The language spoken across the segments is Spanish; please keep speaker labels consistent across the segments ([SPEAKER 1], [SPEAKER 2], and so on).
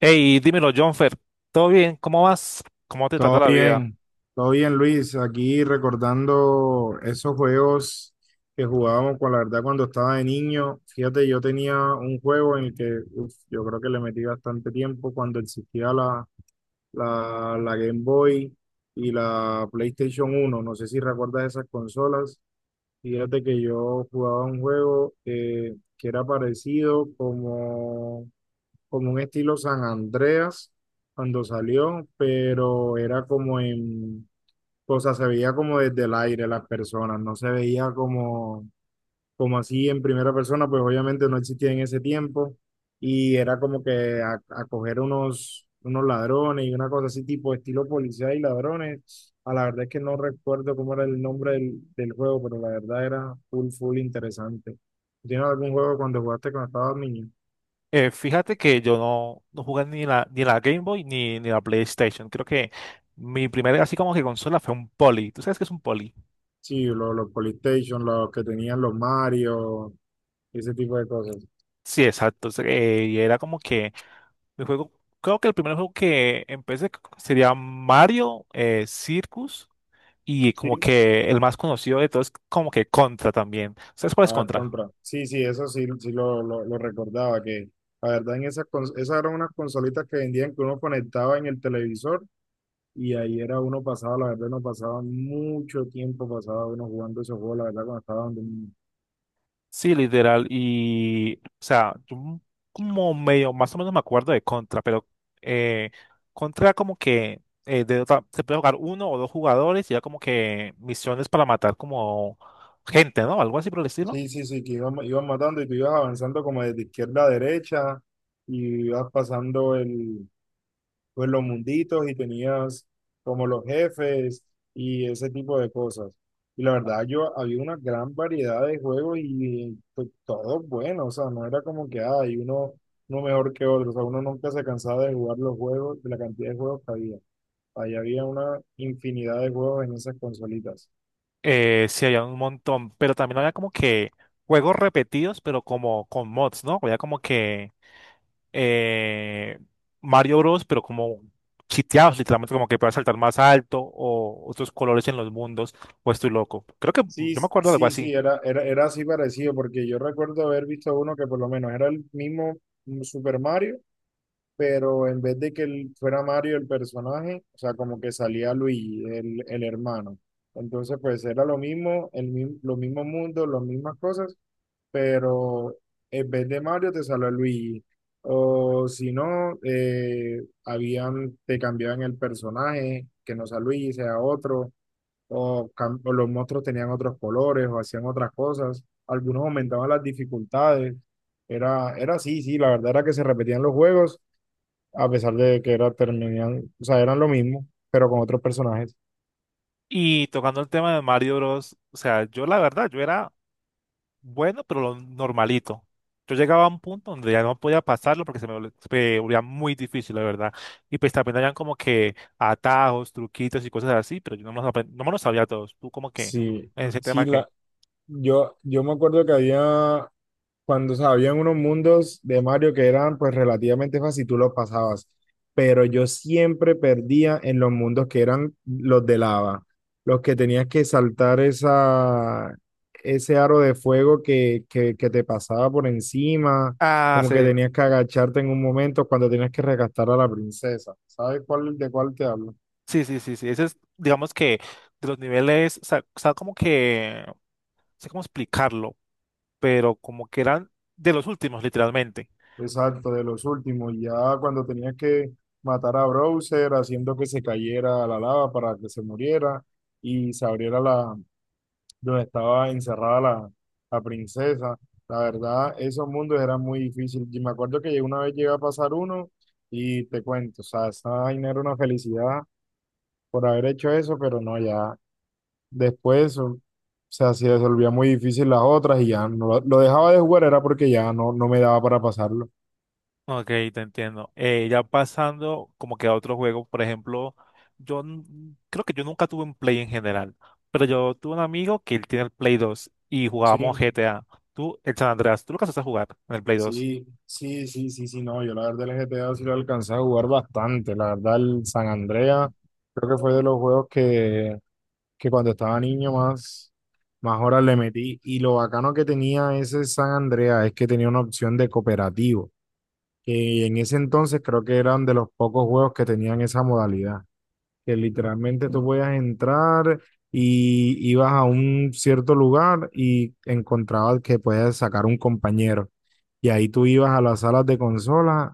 [SPEAKER 1] Hey, dímelo, Jonfer. ¿Todo bien? ¿Cómo vas? ¿Cómo te trata
[SPEAKER 2] Todo
[SPEAKER 1] la vida?
[SPEAKER 2] bien, todo bien Luis, aquí recordando esos juegos que jugábamos con la verdad cuando estaba de niño. Fíjate, yo tenía un juego en el que uf, yo creo que le metí bastante tiempo cuando existía la Game Boy y la PlayStation 1. No sé si recuerdas esas consolas. Fíjate que yo jugaba un juego que era parecido como un estilo San Andreas cuando salió, pero era como o sea, se veía como desde el aire las personas, no se veía como así en primera persona, pues obviamente no existía en ese tiempo y era como que a coger unos ladrones y una cosa así tipo estilo policía y ladrones. A la verdad es que no recuerdo cómo era el nombre del juego, pero la verdad era full, full interesante. ¿Tienes algún juego cuando jugaste cuando estabas niño?
[SPEAKER 1] Fíjate que yo no jugué ni la Game Boy ni la PlayStation. Creo que mi primera así como que consola fue un Poly. ¿Tú sabes qué es un Poly?
[SPEAKER 2] Sí, los PlayStation los que tenían los Mario, ese tipo de cosas.
[SPEAKER 1] Sí, exacto. Y era como que mi juego, creo que el primer juego que sería Mario Circus, y
[SPEAKER 2] Sí,
[SPEAKER 1] como que el más conocido de todos es como que Contra también. ¿Sabes cuál
[SPEAKER 2] a
[SPEAKER 1] es
[SPEAKER 2] ver,
[SPEAKER 1] Contra?
[SPEAKER 2] contra. Sí, sí, eso sí, sí lo, lo recordaba, que la verdad en esas eran unas consolitas que vendían que uno conectaba en el televisor y ahí era uno pasaba, la verdad, no pasaba mucho tiempo, pasaba uno jugando esos juegos, la verdad, cuando estaba donde.
[SPEAKER 1] Sí, literal. Y, o sea, como medio, más o menos me acuerdo de Contra, pero eh, Contra como que se puede jugar uno o dos jugadores y era como que misiones para matar como gente, ¿no? Algo así por el estilo.
[SPEAKER 2] Sí, sí, sí, que iban matando y tú ibas avanzando como desde izquierda a derecha y ibas pasando pues los munditos y tenías como los jefes y ese tipo de cosas. Y la verdad, yo había una gran variedad de juegos y pues, todos buenos, o sea, no era como que ah, hay uno mejor que otro, o sea, uno nunca se cansaba de jugar los juegos, de la cantidad de juegos que había. Ahí había una infinidad de juegos en esas consolitas.
[SPEAKER 1] Sí, había un montón, pero también había como que juegos repetidos, pero como con mods, ¿no? Había como que eh, Mario Bros, pero como chiteados, literalmente como que puedas saltar más alto o otros colores en los mundos, o estoy loco. Creo que
[SPEAKER 2] Sí,
[SPEAKER 1] yo me acuerdo de algo
[SPEAKER 2] sí,
[SPEAKER 1] así.
[SPEAKER 2] sí, era así parecido, porque yo recuerdo haber visto uno que por lo menos era el mismo Super Mario, pero en vez de que él fuera Mario el personaje, o sea, como que salía Luigi, el hermano. Entonces, pues era lo mismo, los mismos mundos, las mismas cosas, pero en vez de Mario te salió Luigi. O si no, te cambiaban el personaje, que no sea Luigi, sea otro, o los monstruos tenían otros colores o hacían otras cosas. Algunos aumentaban las dificultades. Era así, sí, la verdad era que se repetían los juegos a pesar de que terminan, o sea, eran lo mismo, pero con otros personajes.
[SPEAKER 1] Y tocando el tema de Mario Bros, o sea, yo la verdad, yo era bueno, pero lo normalito. Yo llegaba a un punto donde ya no podía pasarlo porque se me volvía muy difícil, la verdad. Y pues también habían como que atajos, truquitos y cosas así, pero yo no me no me los sabía todos. Tú como que,
[SPEAKER 2] Sí,
[SPEAKER 1] en ese
[SPEAKER 2] sí,
[SPEAKER 1] tema ¿qué?
[SPEAKER 2] yo me acuerdo que había cuando sabían unos mundos de Mario que eran pues relativamente fácil, tú los pasabas, pero yo siempre perdía en los mundos que eran los de lava, los que tenías que saltar ese aro de fuego que te pasaba por encima,
[SPEAKER 1] Ah,
[SPEAKER 2] como que
[SPEAKER 1] sí.
[SPEAKER 2] tenías que agacharte en un momento cuando tenías que rescatar a la princesa. ¿Sabes de cuál te hablo?
[SPEAKER 1] Sí, sí, sí, sí. Ese es, digamos que de los niveles, o sea, como que, no sé cómo explicarlo, pero como que eran de los últimos, literalmente.
[SPEAKER 2] Exacto, de los últimos, ya cuando tenía que matar a Browser haciendo que se cayera a la lava para que se muriera y se abriera la donde estaba encerrada la princesa. La verdad, esos mundos eran muy difíciles. Y me acuerdo que una vez llegué a pasar uno y te cuento, o sea, esa vaina era una felicidad por haber hecho eso, pero no, ya después, o sea, se volvía muy difícil las otras y ya no lo dejaba de jugar era porque ya no me daba para pasarlo.
[SPEAKER 1] Ok, te entiendo. Ya pasando como que a otro juego, por ejemplo, creo que yo nunca tuve un Play en general, pero yo tuve un amigo que él tiene el Play dos y
[SPEAKER 2] Sí.
[SPEAKER 1] jugábamos GTA. Tú, el San Andreas, ¿tú lo alcanzaste a jugar en el Play dos?
[SPEAKER 2] Sí, sí, sí, sí, sí, no, yo la verdad el GTA sí lo alcancé a jugar bastante, la verdad el San Andrea creo que fue de los juegos que cuando estaba niño más horas le metí, y lo bacano que tenía ese San Andrea es que tenía una opción de cooperativo, que en ese entonces creo que eran de los pocos juegos que tenían esa modalidad, que literalmente tú podías entrar y ibas a un cierto lugar y encontrabas que podías sacar un compañero. Y ahí tú ibas a las salas de consola,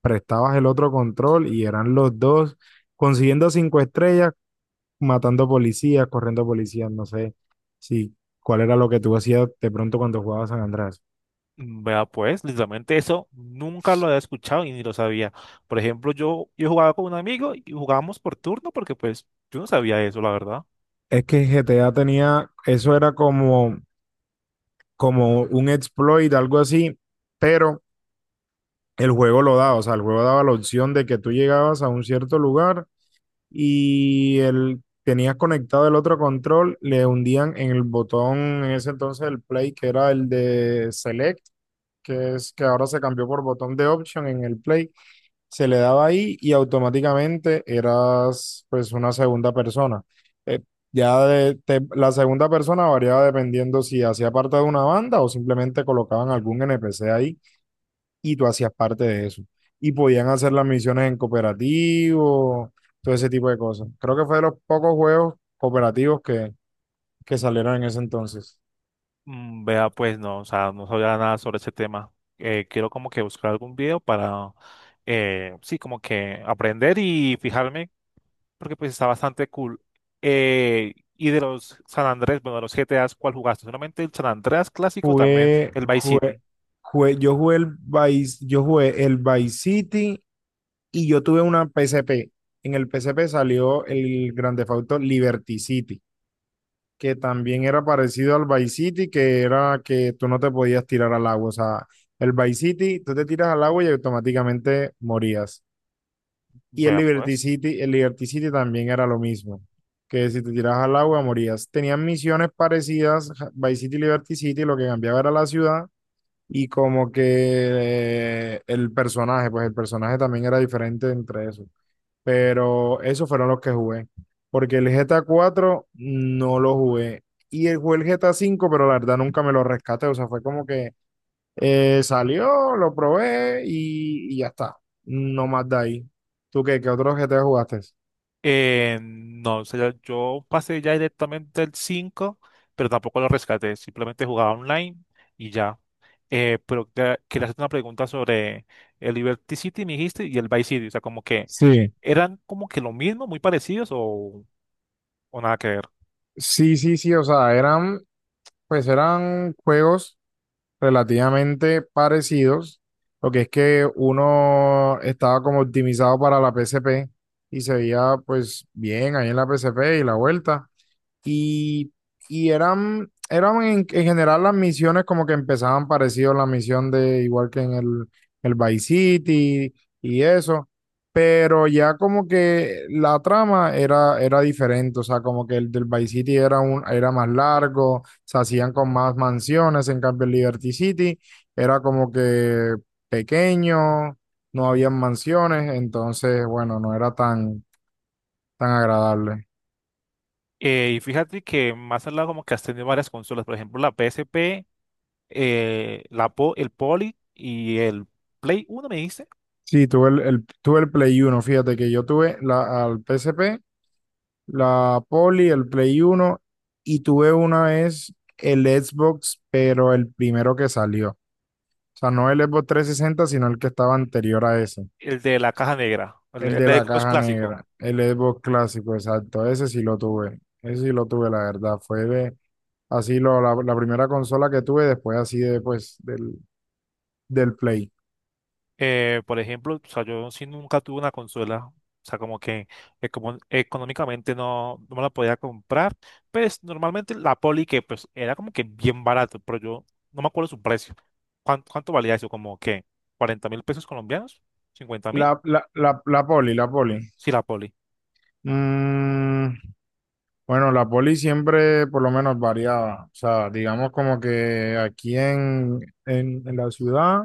[SPEAKER 2] prestabas el otro control y eran los dos consiguiendo cinco estrellas, matando policías, corriendo policías, no sé si cuál era lo que tú hacías de pronto cuando jugabas San Andrés.
[SPEAKER 1] Vea, pues, literalmente eso nunca lo había escuchado y ni lo sabía. Por ejemplo, yo jugaba con un amigo y jugábamos por turno porque pues yo no sabía eso, la verdad.
[SPEAKER 2] Es que GTA tenía, eso era como un exploit, algo así, pero el juego lo daba, o sea, el juego daba la opción de que tú llegabas a un cierto lugar y tenías conectado el otro control, le hundían en el botón, en ese entonces el play, que era el de select, que es que ahora se cambió por botón de option en el play, se le daba ahí y automáticamente eras pues una segunda persona. Eh, la segunda persona variaba dependiendo si hacía parte de una banda o simplemente colocaban algún NPC ahí y tú hacías parte de eso. Y podían hacer las misiones en cooperativo, todo ese tipo de cosas. Creo que fue de los pocos juegos cooperativos que salieron en ese entonces.
[SPEAKER 1] Mm, vea, pues no, o sea, no sabía nada sobre ese tema. Quiero como que buscar algún video para, sí, como que aprender y fijarme porque pues está bastante cool. Y de los San Andrés, bueno, de los GTAs, ¿cuál jugaste? Solamente el San Andrés clásico, también
[SPEAKER 2] Jugué,
[SPEAKER 1] el Vice
[SPEAKER 2] jugué,
[SPEAKER 1] City.
[SPEAKER 2] jugué- yo jugué el Vice, yo jugué el Vice City y yo tuve una PSP. En el PSP salió el Grand Theft Auto Liberty City, que también era parecido al Vice City, que era que tú no te podías tirar al agua. O sea, el Vice City, tú te tiras al agua y automáticamente morías. Y el
[SPEAKER 1] Vea,
[SPEAKER 2] Liberty
[SPEAKER 1] pues.
[SPEAKER 2] City, el Liberty City también era lo mismo, que si te tiras al agua morías. Tenían misiones parecidas, Vice City y Liberty City, lo que cambiaba era la ciudad y como que el personaje, pues el personaje también era diferente entre esos. Pero esos fueron los que jugué, porque el GTA 4 no lo jugué. Y jugué el GTA 5, pero la verdad nunca me lo rescaté, o sea, fue como que salió, lo probé y ya está. No más de ahí. ¿Tú qué? ¿Qué otros GTA jugaste?
[SPEAKER 1] No, o sea, yo pasé ya directamente el 5 pero tampoco lo rescaté, simplemente jugaba online y ya. Pero quería hacerte una pregunta sobre el Liberty City, me dijiste, y el Vice City, o sea, como que
[SPEAKER 2] Sí,
[SPEAKER 1] eran como que lo mismo, muy parecidos o nada que ver.
[SPEAKER 2] sí, sí, sí, o sea, eran, pues eran juegos relativamente parecidos, lo que es que uno estaba como optimizado para la PSP y se veía pues bien ahí en la PSP y la vuelta. Y, y eran en general las misiones como que empezaban parecido a la misión de igual que en el Vice City y eso, pero ya como que la trama era diferente, o sea, como que el del Vice City era más largo, se hacían con más mansiones, en cambio el Liberty City era como que pequeño, no habían mansiones, entonces, bueno, no era tan, tan agradable.
[SPEAKER 1] Y fíjate que más al lado como que has tenido varias consolas, por ejemplo, la PSP, el Poly y el Play uno, me dijiste,
[SPEAKER 2] Sí, tuve el Play 1. Fíjate que yo tuve al PSP, la poly, el Play 1 y tuve una vez el Xbox, pero el primero que salió. O sea, no el Xbox 360, sino el que estaba anterior a ese,
[SPEAKER 1] el de la caja negra,
[SPEAKER 2] el
[SPEAKER 1] el
[SPEAKER 2] de
[SPEAKER 1] de
[SPEAKER 2] la
[SPEAKER 1] Xbox
[SPEAKER 2] caja
[SPEAKER 1] clásico.
[SPEAKER 2] negra, el Xbox clásico, exacto, ese sí lo tuve, ese sí lo tuve, la verdad, fue de, así lo, la primera consola que tuve después así de, pues, del Play.
[SPEAKER 1] Por ejemplo, o sea, yo sí nunca tuve una consola, o sea, como que económicamente no me la podía comprar, pues normalmente la Poli que pues era como que bien barato, pero yo no me acuerdo su precio. ¿Cuánto valía eso? ¿Como que 40 mil pesos colombianos? ¿Cincuenta
[SPEAKER 2] La,
[SPEAKER 1] mil?
[SPEAKER 2] la, la, la poly la poly
[SPEAKER 1] Sí, la Poli.
[SPEAKER 2] Mm, Bueno, la poli siempre por lo menos variaba. O sea, digamos como que aquí en la ciudad,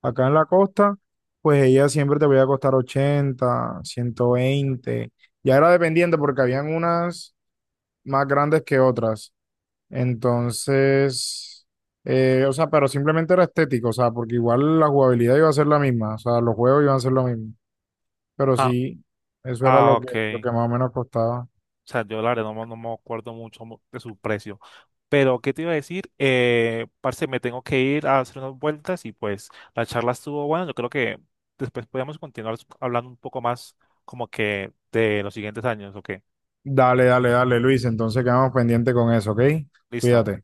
[SPEAKER 2] acá en la costa, pues ella siempre te voy a costar 80, 120. Ya era dependiendo porque habían unas más grandes que otras. Entonces, o sea, pero simplemente era estético, o sea, porque igual la jugabilidad iba a ser la misma, o sea, los juegos iban a ser lo mismo. Pero
[SPEAKER 1] Ah,
[SPEAKER 2] sí, eso era lo que, lo
[SPEAKER 1] ok.
[SPEAKER 2] que más o menos costaba.
[SPEAKER 1] O sea, yo la verdad no, me no me acuerdo mucho de su precio. Pero, ¿qué te iba a decir? Parce, me tengo que ir a hacer unas vueltas y pues la charla estuvo buena. Yo creo que después podemos continuar hablando un poco más como que de los siguientes años, ¿o qué?
[SPEAKER 2] Dale, dale, dale, Luis. Entonces quedamos pendientes con eso, ¿ok?
[SPEAKER 1] Listo.
[SPEAKER 2] Cuídate.